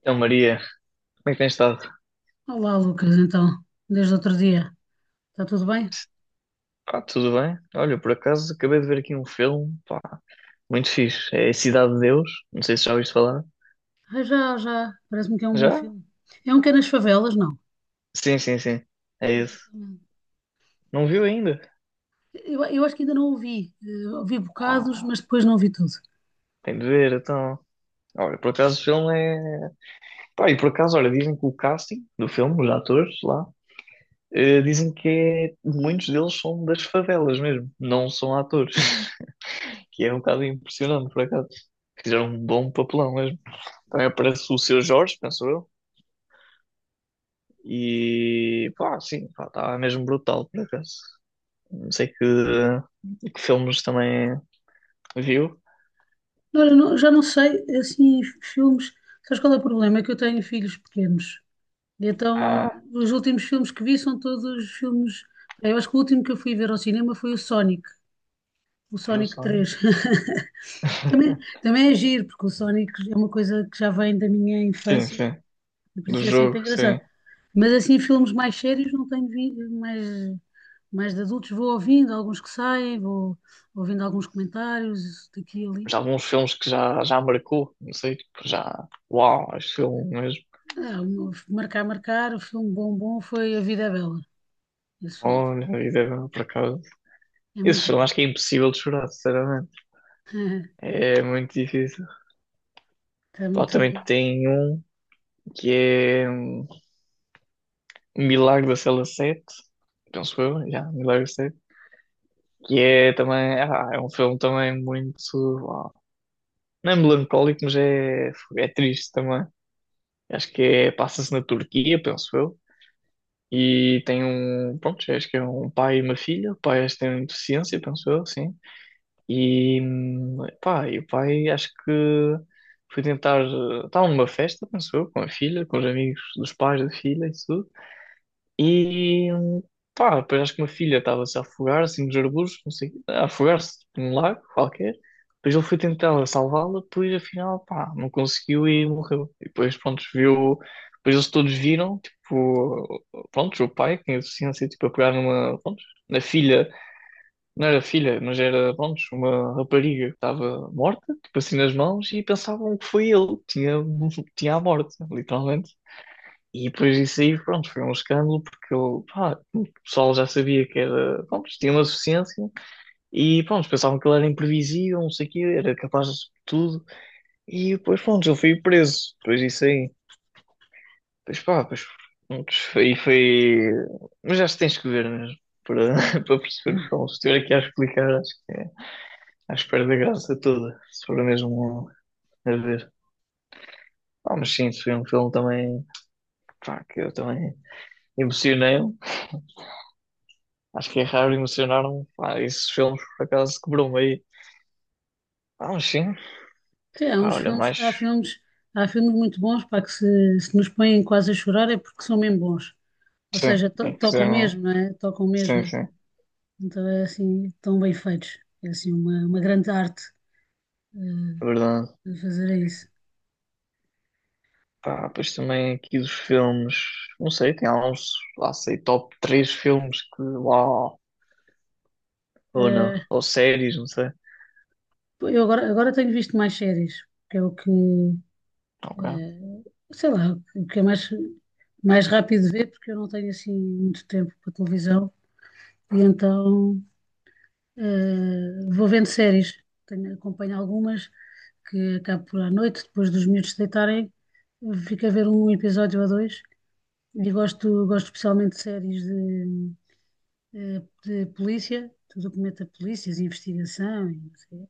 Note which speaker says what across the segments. Speaker 1: Então, Maria, como é que tens estado?
Speaker 2: Olá, Lucas, então, desde outro dia, está tudo bem?
Speaker 1: Pá, tudo bem? Olha, por acaso acabei de ver aqui um filme, pá, muito fixe. É Cidade de Deus, não sei se já ouviste falar.
Speaker 2: Ah, já, já, parece-me que é um bom
Speaker 1: Já?
Speaker 2: filme. É um que é nas favelas, não?
Speaker 1: Sim, sim, sim. É isso.
Speaker 2: Exatamente.
Speaker 1: Não viu ainda?
Speaker 2: Eu acho que ainda não ouvi, ouvi bocados, mas
Speaker 1: Ah,
Speaker 2: depois não vi tudo.
Speaker 1: tem de ver, então. Olha, por acaso o filme é. Pá, e por acaso, olha, dizem que o casting do filme, os atores lá, dizem que é muitos deles são das favelas mesmo, não são atores. Que é um bocado impressionante, por acaso. Fizeram um bom papelão mesmo. Também aparece o Seu Jorge, penso eu. E pá, sim, pá, estava mesmo brutal por acaso. Não sei que filmes também viu.
Speaker 2: Olha, já não sei, assim, filmes, sabes qual é o problema? É que eu tenho filhos pequenos, e
Speaker 1: Ah,
Speaker 2: então os últimos filmes que vi são todos filmes, eu acho que o último que eu fui ver ao cinema foi o
Speaker 1: olha
Speaker 2: Sonic
Speaker 1: só, né?
Speaker 2: 3. Também é giro, porque o Sonic é uma coisa que já vem da minha
Speaker 1: Sim,
Speaker 2: infância,
Speaker 1: sim,
Speaker 2: por
Speaker 1: do
Speaker 2: isso é sempre
Speaker 1: jogo,
Speaker 2: engraçado.
Speaker 1: sim.
Speaker 2: Mas assim, filmes mais sérios não tenho visto, mais, mais de adultos, vou ouvindo alguns que saem, vou ouvindo alguns comentários isso daqui e ali.
Speaker 1: Já alguns filmes que já, já marcou, não sei, tipo, já. Uau, este filme mesmo.
Speaker 2: É, marcar, o filme bom, bom foi A Vida é Bela. Esse filme foi-
Speaker 1: Olha, a vida agora por acaso.
Speaker 2: é
Speaker 1: Esse
Speaker 2: muito
Speaker 1: filme
Speaker 2: bom.
Speaker 1: acho que é impossível de chorar, sinceramente. É muito difícil.
Speaker 2: Está
Speaker 1: Pá,
Speaker 2: muito.
Speaker 1: também tem um que é Milagre da Cela 7, penso eu, já, Milagre. Que é também, ah, é um filme também muito, ah, não é melancólico, mas é triste também. Acho que é, passa-se na Turquia, penso eu. E tem um, pronto, acho que é um pai e uma filha. O pai acho que tem deficiência, penso eu, sim. E, pá, e o pai acho que foi tentar, estava numa festa, penso eu, com a filha, com os amigos dos pais da filha e tudo. E pá, depois acho que uma filha estava-se a afogar, assim, nos arbustos, não sei, a afogar-se tipo, num lago qualquer. Depois ele foi tentar salvá-la, depois afinal, pá, não conseguiu e morreu. E depois, pronto, viu, depois eles todos viram, tipo, pronto, o pai, que tinha deficiência, tipo, a pegar numa, pronto, na filha, não era filha, mas era, pronto, uma rapariga que estava morta, tipo assim nas mãos, e pensavam que foi ele que tinha, tinha a morte, literalmente. E depois disso aí, pronto, foi um escândalo porque eu, pá, o pessoal já sabia que era, pronto, tinha uma deficiência e, pronto, pensavam que ele era imprevisível, não sei o quê, era capaz de tudo e depois, pronto, ele foi preso. Depois disso aí, depois pá, depois, pronto, foi, foi. Mas acho que tens que ver mesmo para, para perceber o filme. Se estiver aqui a explicar, acho que é, acho que perde a graça toda, se for mesmo a ver. Ah, mas sim, foi um filme também, pá, que eu também emocionei. Acho que é raro emocionar-me. Pá, esses filmes, por acaso, quebrou-me aí. Ah, mas sim.
Speaker 2: Sim, há
Speaker 1: Pá,
Speaker 2: uns
Speaker 1: olha,
Speaker 2: filmes,
Speaker 1: mais.
Speaker 2: há filmes, há filmes muito bons, para que se nos põem quase a chorar é porque são mesmo bons. Ou
Speaker 1: Sim,
Speaker 2: seja,
Speaker 1: é que
Speaker 2: tocam
Speaker 1: fizeram.
Speaker 2: mesmo, não é? Tocam
Speaker 1: Sim,
Speaker 2: mesmo.
Speaker 1: sim.
Speaker 2: Então é assim, tão bem feitos. É assim uma grande arte
Speaker 1: É
Speaker 2: eh,
Speaker 1: verdade.
Speaker 2: fazer isso.
Speaker 1: Pá, pois também aqui dos filmes. Não sei, tem alguns, lá sei, top 3 filmes que. Uau! Ou não.
Speaker 2: Eh,
Speaker 1: Ou séries, não sei.
Speaker 2: eu agora tenho visto mais séries, que é o que,
Speaker 1: Ok,
Speaker 2: eh, sei lá, o que é mais, mais rápido de ver, porque eu não tenho assim muito tempo para televisão. E então vou vendo séries. Tenho, acompanho algumas que acabo por à noite, depois dos miúdos se deitarem, fico a ver um episódio ou dois. E gosto, gosto especialmente de séries de de polícia, de documento da polícia, de polícias, investigação e não sei.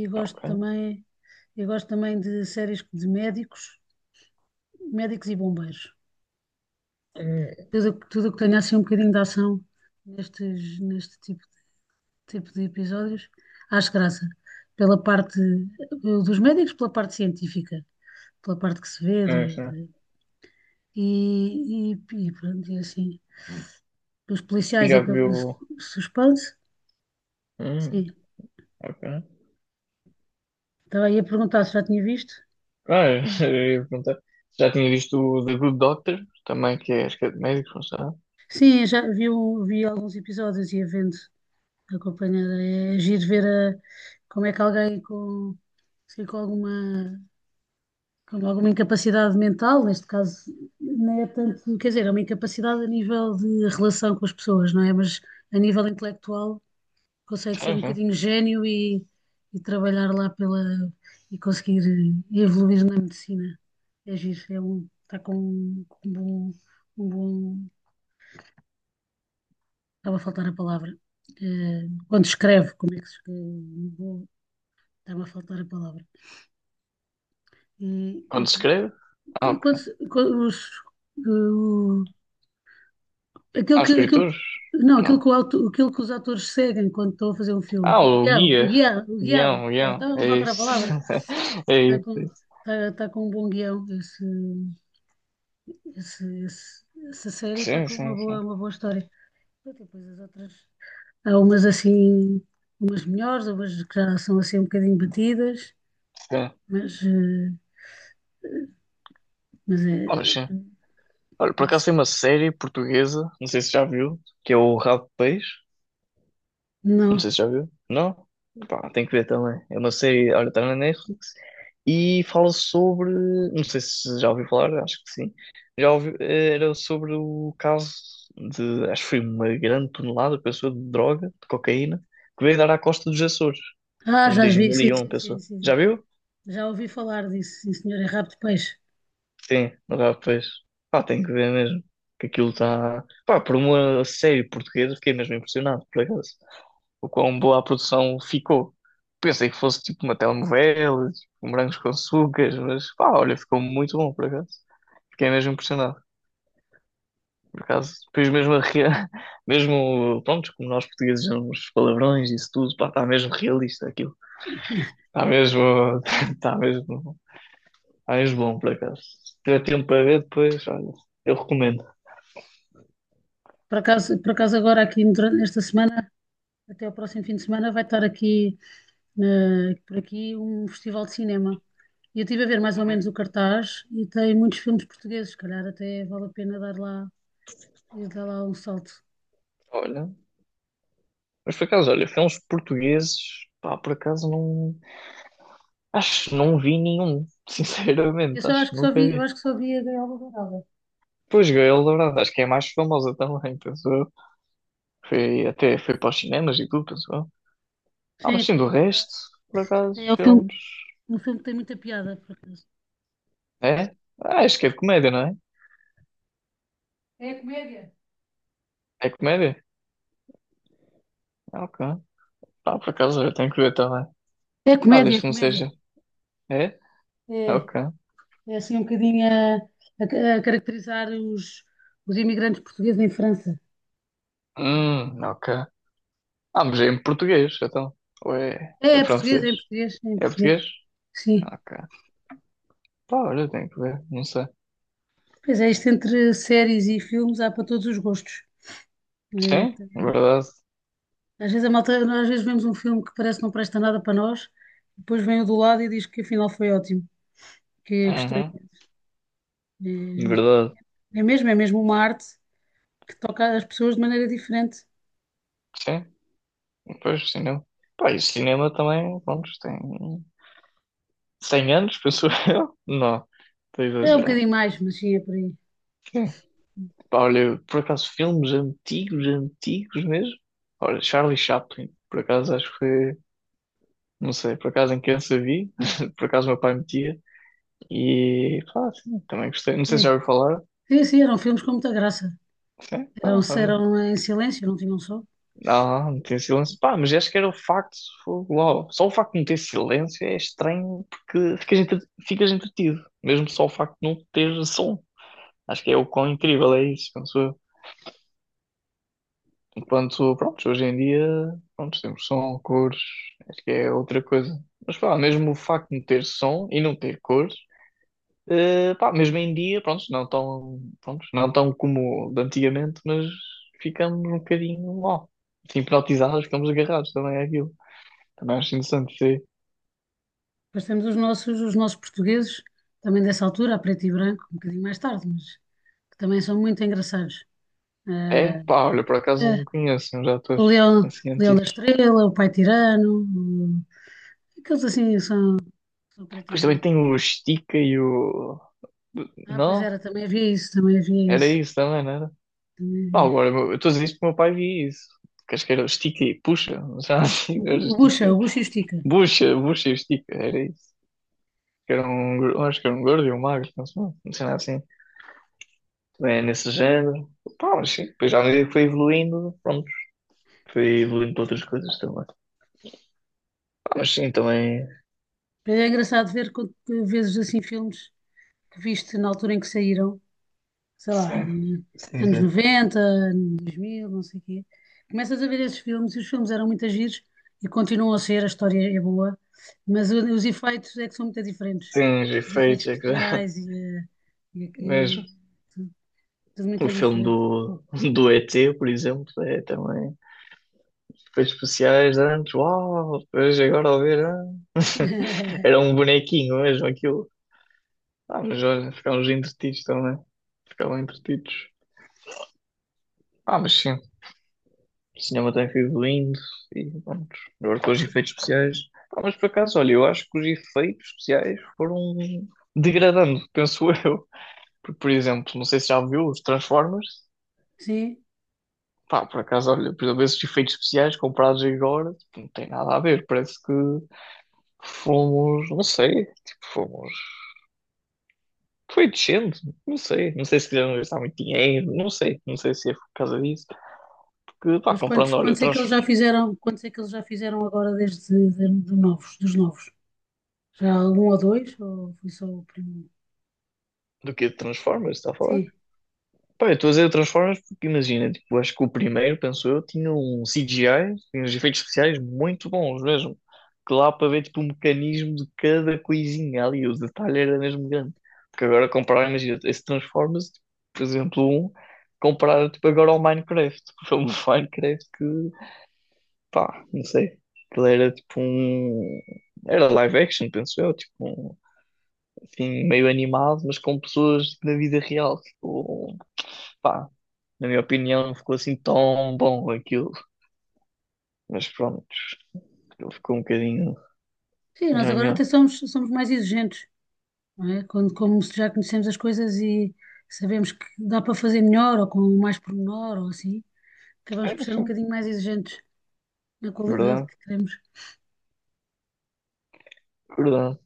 Speaker 2: E gosto
Speaker 1: ok.
Speaker 2: também, eu gosto também de séries de médicos, médicos e bombeiros.
Speaker 1: Hum,
Speaker 2: Tudo o que tenha assim um bocadinho de ação nestes, neste tipo, tipo de episódios, acho graça. Pela parte dos médicos, pela parte científica, pela parte que se vê,
Speaker 1: sim, sim.
Speaker 2: e, e, e pronto, e assim. Os
Speaker 1: E
Speaker 2: policiais é
Speaker 1: já
Speaker 2: pelo
Speaker 1: viu.
Speaker 2: suspense,
Speaker 1: Hum,
Speaker 2: sim.
Speaker 1: ok.
Speaker 2: Estava aí a perguntar se já tinha visto.
Speaker 1: Ah, eu ia perguntar. Já tinha visto o The Good Doctor, também, que é, acho que é de médicos, não sei.
Speaker 2: Sim, já vi, vi alguns episódios e a vendo acompanhada. É giro ver como é que alguém com, assim, com alguma incapacidade mental, neste caso, não é tanto, quer dizer, é uma incapacidade a nível de relação com as pessoas, não é? Mas a nível intelectual consegue ser um
Speaker 1: Uhum.
Speaker 2: bocadinho gênio e trabalhar lá pela e conseguir evoluir na medicina. É giro, é um, está com um bom, um bom. Estava a faltar a palavra. Eh, quando escreve, como é que se escreve? Bom. Estava a faltar a palavra. E, e
Speaker 1: Onde se
Speaker 2: por isso-
Speaker 1: escreve? Ah, ok.
Speaker 2: quando, quando os, o- aquilo
Speaker 1: Há
Speaker 2: que, aquilo,
Speaker 1: escritores?
Speaker 2: não,
Speaker 1: Não.
Speaker 2: aquilo que, aquilo que os atores seguem quando estão a fazer um filme.
Speaker 1: Ah,
Speaker 2: O
Speaker 1: o
Speaker 2: guião, o
Speaker 1: guia.
Speaker 2: guião, o guião, o
Speaker 1: Guião,
Speaker 2: guião.
Speaker 1: guião.
Speaker 2: Estava a
Speaker 1: É
Speaker 2: faltar a
Speaker 1: isso.
Speaker 2: palavra.
Speaker 1: É
Speaker 2: Está
Speaker 1: isso. É
Speaker 2: com,
Speaker 1: isso.
Speaker 2: está, está com um bom guião. Esse, essa série está
Speaker 1: Sim,
Speaker 2: com
Speaker 1: sim, sim.
Speaker 2: uma boa história. Depois as outras. Há umas assim, umas melhores, umas que já são assim um bocadinho batidas,
Speaker 1: Sim.
Speaker 2: mas, mas é.
Speaker 1: Olha, sim. Olha, por acaso tem uma série portuguesa, não sei se já viu, que é o Rabo de Peixe. Não
Speaker 2: Não.
Speaker 1: sei se já viu. Não? Pá, tem que ver também. É uma série, olha, está na Netflix e fala sobre. Não sei se já ouviu falar, acho que sim. Já ouviu, era sobre o caso de, acho que foi uma grande tonelada, pessoa, de droga, de cocaína, que veio dar à costa dos Açores,
Speaker 2: Ah,
Speaker 1: em
Speaker 2: já vi, sim,
Speaker 1: 2001,
Speaker 2: sim, sim,
Speaker 1: pessoa.
Speaker 2: sim.
Speaker 1: Já viu?
Speaker 2: Já ouvi falar disso, sim, senhor, é rabo de peixe.
Speaker 1: Sim, rapaz. Pá, tem que ver mesmo. Que aquilo está. Pá, por uma série portuguesa, fiquei mesmo impressionado, por acaso. O quão boa a produção ficou. Pensei que fosse tipo uma telenovela, tipo, um morangos com açúcar, mas pá, olha, ficou muito bom por acaso. Fiquei mesmo impressionado. Por acaso, depois mesmo, a rea- mesmo, pronto, como nós portugueses uns palavrões e isso tudo, pá, está mesmo realista aquilo. Está mesmo, está mesmo, está mesmo bom por acaso. Se tiver tempo para ver depois, olha, eu recomendo.
Speaker 2: Por acaso agora aqui durante esta semana, até o próximo fim de semana, vai estar aqui por aqui um festival de cinema. E eu estive a ver mais ou menos o cartaz e tem muitos filmes portugueses, se calhar até vale a pena dar lá, e dar lá um salto.
Speaker 1: Olha, mas por acaso, olha, filmes portugueses, pá, por acaso não, acho que não vi nenhum,
Speaker 2: Eu
Speaker 1: sinceramente,
Speaker 2: só
Speaker 1: acho
Speaker 2: acho
Speaker 1: que
Speaker 2: que só
Speaker 1: nunca
Speaker 2: vi, eu
Speaker 1: vi.
Speaker 2: acho que só vi a Gaiola Dourada.
Speaker 1: Pois, Gael Dourado, acho que é a mais famosa também, penso eu. Foi, até foi para os cinemas e tudo, penso eu. Ah, mas
Speaker 2: Sim,
Speaker 1: sim, do
Speaker 2: tem,
Speaker 1: resto, por acaso,
Speaker 2: é
Speaker 1: filmes.
Speaker 2: um filme que tem muita piada, por acaso.
Speaker 1: É? Ah, acho que é de comédia, não é?
Speaker 2: É comédia.
Speaker 1: É comédia? Ah, ok. Ah, por acaso, eu tenho que ver também.
Speaker 2: É
Speaker 1: Ah, desde
Speaker 2: comédia,
Speaker 1: que não
Speaker 2: comédia.
Speaker 1: seja. É? Ah,
Speaker 2: É,
Speaker 1: ok.
Speaker 2: é assim um bocadinho a, a caracterizar os imigrantes portugueses em França.
Speaker 1: Ok. Ah, mas é em português, então. Ou é,
Speaker 2: É,
Speaker 1: é
Speaker 2: é português, é
Speaker 1: francês?
Speaker 2: em português, é em
Speaker 1: É
Speaker 2: português.
Speaker 1: português?
Speaker 2: Sim.
Speaker 1: Ah, ok. Pá, olha, tenho que ver, não sei.
Speaker 2: Pois é, isto entre séries e filmes há para todos os gostos. É,
Speaker 1: Sim, verdade.
Speaker 2: às vezes a malta, às vezes vemos um filme que parece que não presta nada para nós, depois vem o do lado e diz que afinal foi ótimo, que gostou
Speaker 1: Uhum,
Speaker 2: imenso. É, é giro.
Speaker 1: verdade.
Speaker 2: É mesmo uma arte que toca as pessoas de maneira diferente.
Speaker 1: Sim. Pois, cinema. Pá, e o cinema também, pronto, tem 100 anos, penso eu. Não, estou a
Speaker 2: É um
Speaker 1: exagerar.
Speaker 2: bocadinho mais, mas sim, é por aí.
Speaker 1: Sim. Pá, olha, por acaso, filmes antigos, antigos mesmo. Olha, Charlie Chaplin, por acaso, acho que foi, não sei, por acaso em criança vi, por acaso meu pai metia. E, pá, sim, também gostei. Não sei
Speaker 2: É.
Speaker 1: se já ouviu falar.
Speaker 2: Sim, sim, eram filmes com muita graça.
Speaker 1: Sim,
Speaker 2: Eram,
Speaker 1: pá, olha.
Speaker 2: eram em silêncio, não tinham som.
Speaker 1: Não, não tinha silêncio. Pá, mas acho que era o facto, fogo, uau. Só o facto de não ter silêncio é estranho porque ficas, entre- ficas entretido, mesmo só o facto de não ter som. Acho que é o quão incrível é isso, penso eu. Enquanto, pronto, hoje em dia, pronto, temos som, cores, acho que é outra coisa. Mas pá, mesmo o facto de não ter som e não ter cores, pá, mesmo em dia, pronto, não tão como de antigamente, mas ficamos um bocadinho, ó, hipnotizados, ficamos agarrados também àquilo. Também acho interessante, sim.
Speaker 2: Depois temos os nossos portugueses, também dessa altura, a preto e branco, um bocadinho mais tarde, mas que também são muito engraçados.
Speaker 1: É?
Speaker 2: Eh,
Speaker 1: Pá, olha, por acaso
Speaker 2: eh,
Speaker 1: não conheço uns
Speaker 2: o
Speaker 1: atores
Speaker 2: Leão,
Speaker 1: assim
Speaker 2: Leão da
Speaker 1: antigos.
Speaker 2: Estrela, o Pai Tirano, aqueles assim são, são preto e
Speaker 1: Depois também
Speaker 2: branco.
Speaker 1: tem o Stica e o.
Speaker 2: Ah, pois
Speaker 1: Não?
Speaker 2: era, também havia isso, também havia
Speaker 1: Era
Speaker 2: esse.
Speaker 1: isso também, não era?
Speaker 2: Também
Speaker 1: Pá,
Speaker 2: havia.
Speaker 1: agora eu estou a dizer isto porque o meu pai via isso. Queres que era o Stica e Puxa? Já assim, era o Stica.
Speaker 2: O Bucha e o Estica.
Speaker 1: Bucha, Bucha e o Stica, era isso. Que era um, gor- acho que era um gordo e um magro, não sei, não sei nada assim. Também é nesse género. Pá, mas sim, depois à medida que foi evoluindo, pronto, foi evoluindo para outras coisas também. Pá, mas sim, também.
Speaker 2: Mas é engraçado ver quanto que vezes assim filmes que viste na altura em que saíram, sei lá,
Speaker 1: Sim, sim,
Speaker 2: anos
Speaker 1: sim.
Speaker 2: 90, anos 2000, não sei o quê. Começas a ver esses filmes e os filmes eram muito giros e continuam a ser, a história é boa, mas os efeitos é que são muito diferentes.
Speaker 1: Sim, os
Speaker 2: Os efeitos
Speaker 1: efeitos, é que já-
Speaker 2: especiais e, e
Speaker 1: mesmo.
Speaker 2: aqui, tudo, tudo
Speaker 1: O
Speaker 2: muito
Speaker 1: filme do,
Speaker 2: diferente.
Speaker 1: do ET, por exemplo, é também efeitos especiais antes, uau, depois agora ao ver, ah. Era um bonequinho mesmo aquilo. Ah, mas olha, ficámos entretidos também. Ficavam entretidos. Ah, mas sim, o cinema tem sido lindo e pronto. Agora com os efeitos especiais. Ah, mas por acaso, olha, eu acho que os efeitos especiais foram degradando, penso eu. Porque, por exemplo, não sei se já viu os Transformers.
Speaker 2: Sim,
Speaker 1: Pá, por acaso, olha, por exemplo, esses efeitos especiais comprados agora, tipo, não tem nada a ver. Parece que fomos, não sei, tipo, fomos. Foi descendo, não sei. Não sei se quiseram gastar muito dinheiro, não sei. Não sei se é por causa disso. Porque, pá,
Speaker 2: mas
Speaker 1: comprando,
Speaker 2: quantos,
Speaker 1: olha,
Speaker 2: quantos é que
Speaker 1: trans.
Speaker 2: eles já fizeram? Quantos é que eles já fizeram agora de novos, dos novos? Já algum ou dois? Ou foi só o primeiro?
Speaker 1: Do que Transformers, está a falar?
Speaker 2: Sim.
Speaker 1: Pá, eu estou a dizer Transformers porque imagina, tipo, acho que o primeiro, penso eu, tinha um CGI, tinha uns efeitos especiais muito bons mesmo. Que lá para ver tipo o mecanismo de cada coisinha ali, o detalhe era mesmo grande. Porque agora comparar, imagina, esse Transformers, tipo, por exemplo, um, comparar tipo agora ao Minecraft, o filme do Minecraft que, pá, não sei, aquilo era tipo um, era live action, penso eu, tipo, um, assim, meio animado, mas com pessoas na vida real, tipo, pá na minha opinião, não ficou assim tão bom aquilo. Mas pronto, aquilo ficou um bocadinho
Speaker 2: Sim, nós agora
Speaker 1: nhanhã.
Speaker 2: até somos, somos mais exigentes, não é? Quando, como se já conhecemos as coisas e sabemos que dá para fazer melhor ou com mais pormenor ou assim, acabamos
Speaker 1: É,
Speaker 2: por ser um
Speaker 1: sim.
Speaker 2: bocadinho mais exigentes na qualidade
Speaker 1: Verdade,
Speaker 2: que queremos.
Speaker 1: verdade.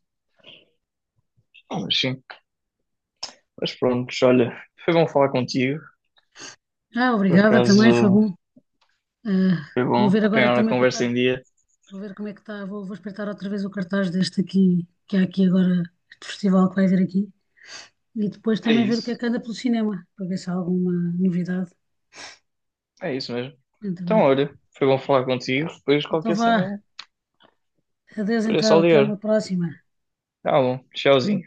Speaker 1: Ah, mas sim. Mas pronto, olha, foi bom falar contigo.
Speaker 2: Ah,
Speaker 1: Por
Speaker 2: obrigada também, foi
Speaker 1: acaso
Speaker 2: bom. Ah,
Speaker 1: foi bom
Speaker 2: vou ver agora
Speaker 1: apanhar a
Speaker 2: também
Speaker 1: conversa
Speaker 2: voltar,
Speaker 1: em dia.
Speaker 2: vou ver como é que está, vou, vou espreitar outra vez o cartaz deste aqui, que há aqui agora, este festival que vai haver aqui, e depois
Speaker 1: É
Speaker 2: também ver o que é
Speaker 1: isso,
Speaker 2: que anda pelo cinema, para ver se há alguma novidade.
Speaker 1: é isso mesmo.
Speaker 2: Muito
Speaker 1: Então,
Speaker 2: bem.
Speaker 1: olha, foi bom falar contigo. Depois
Speaker 2: Então
Speaker 1: qualquer cena,
Speaker 2: vá. Adeus
Speaker 1: depois é
Speaker 2: então.
Speaker 1: só
Speaker 2: Até uma
Speaker 1: ligar.
Speaker 2: próxima.
Speaker 1: Tá bom, tchauzinho.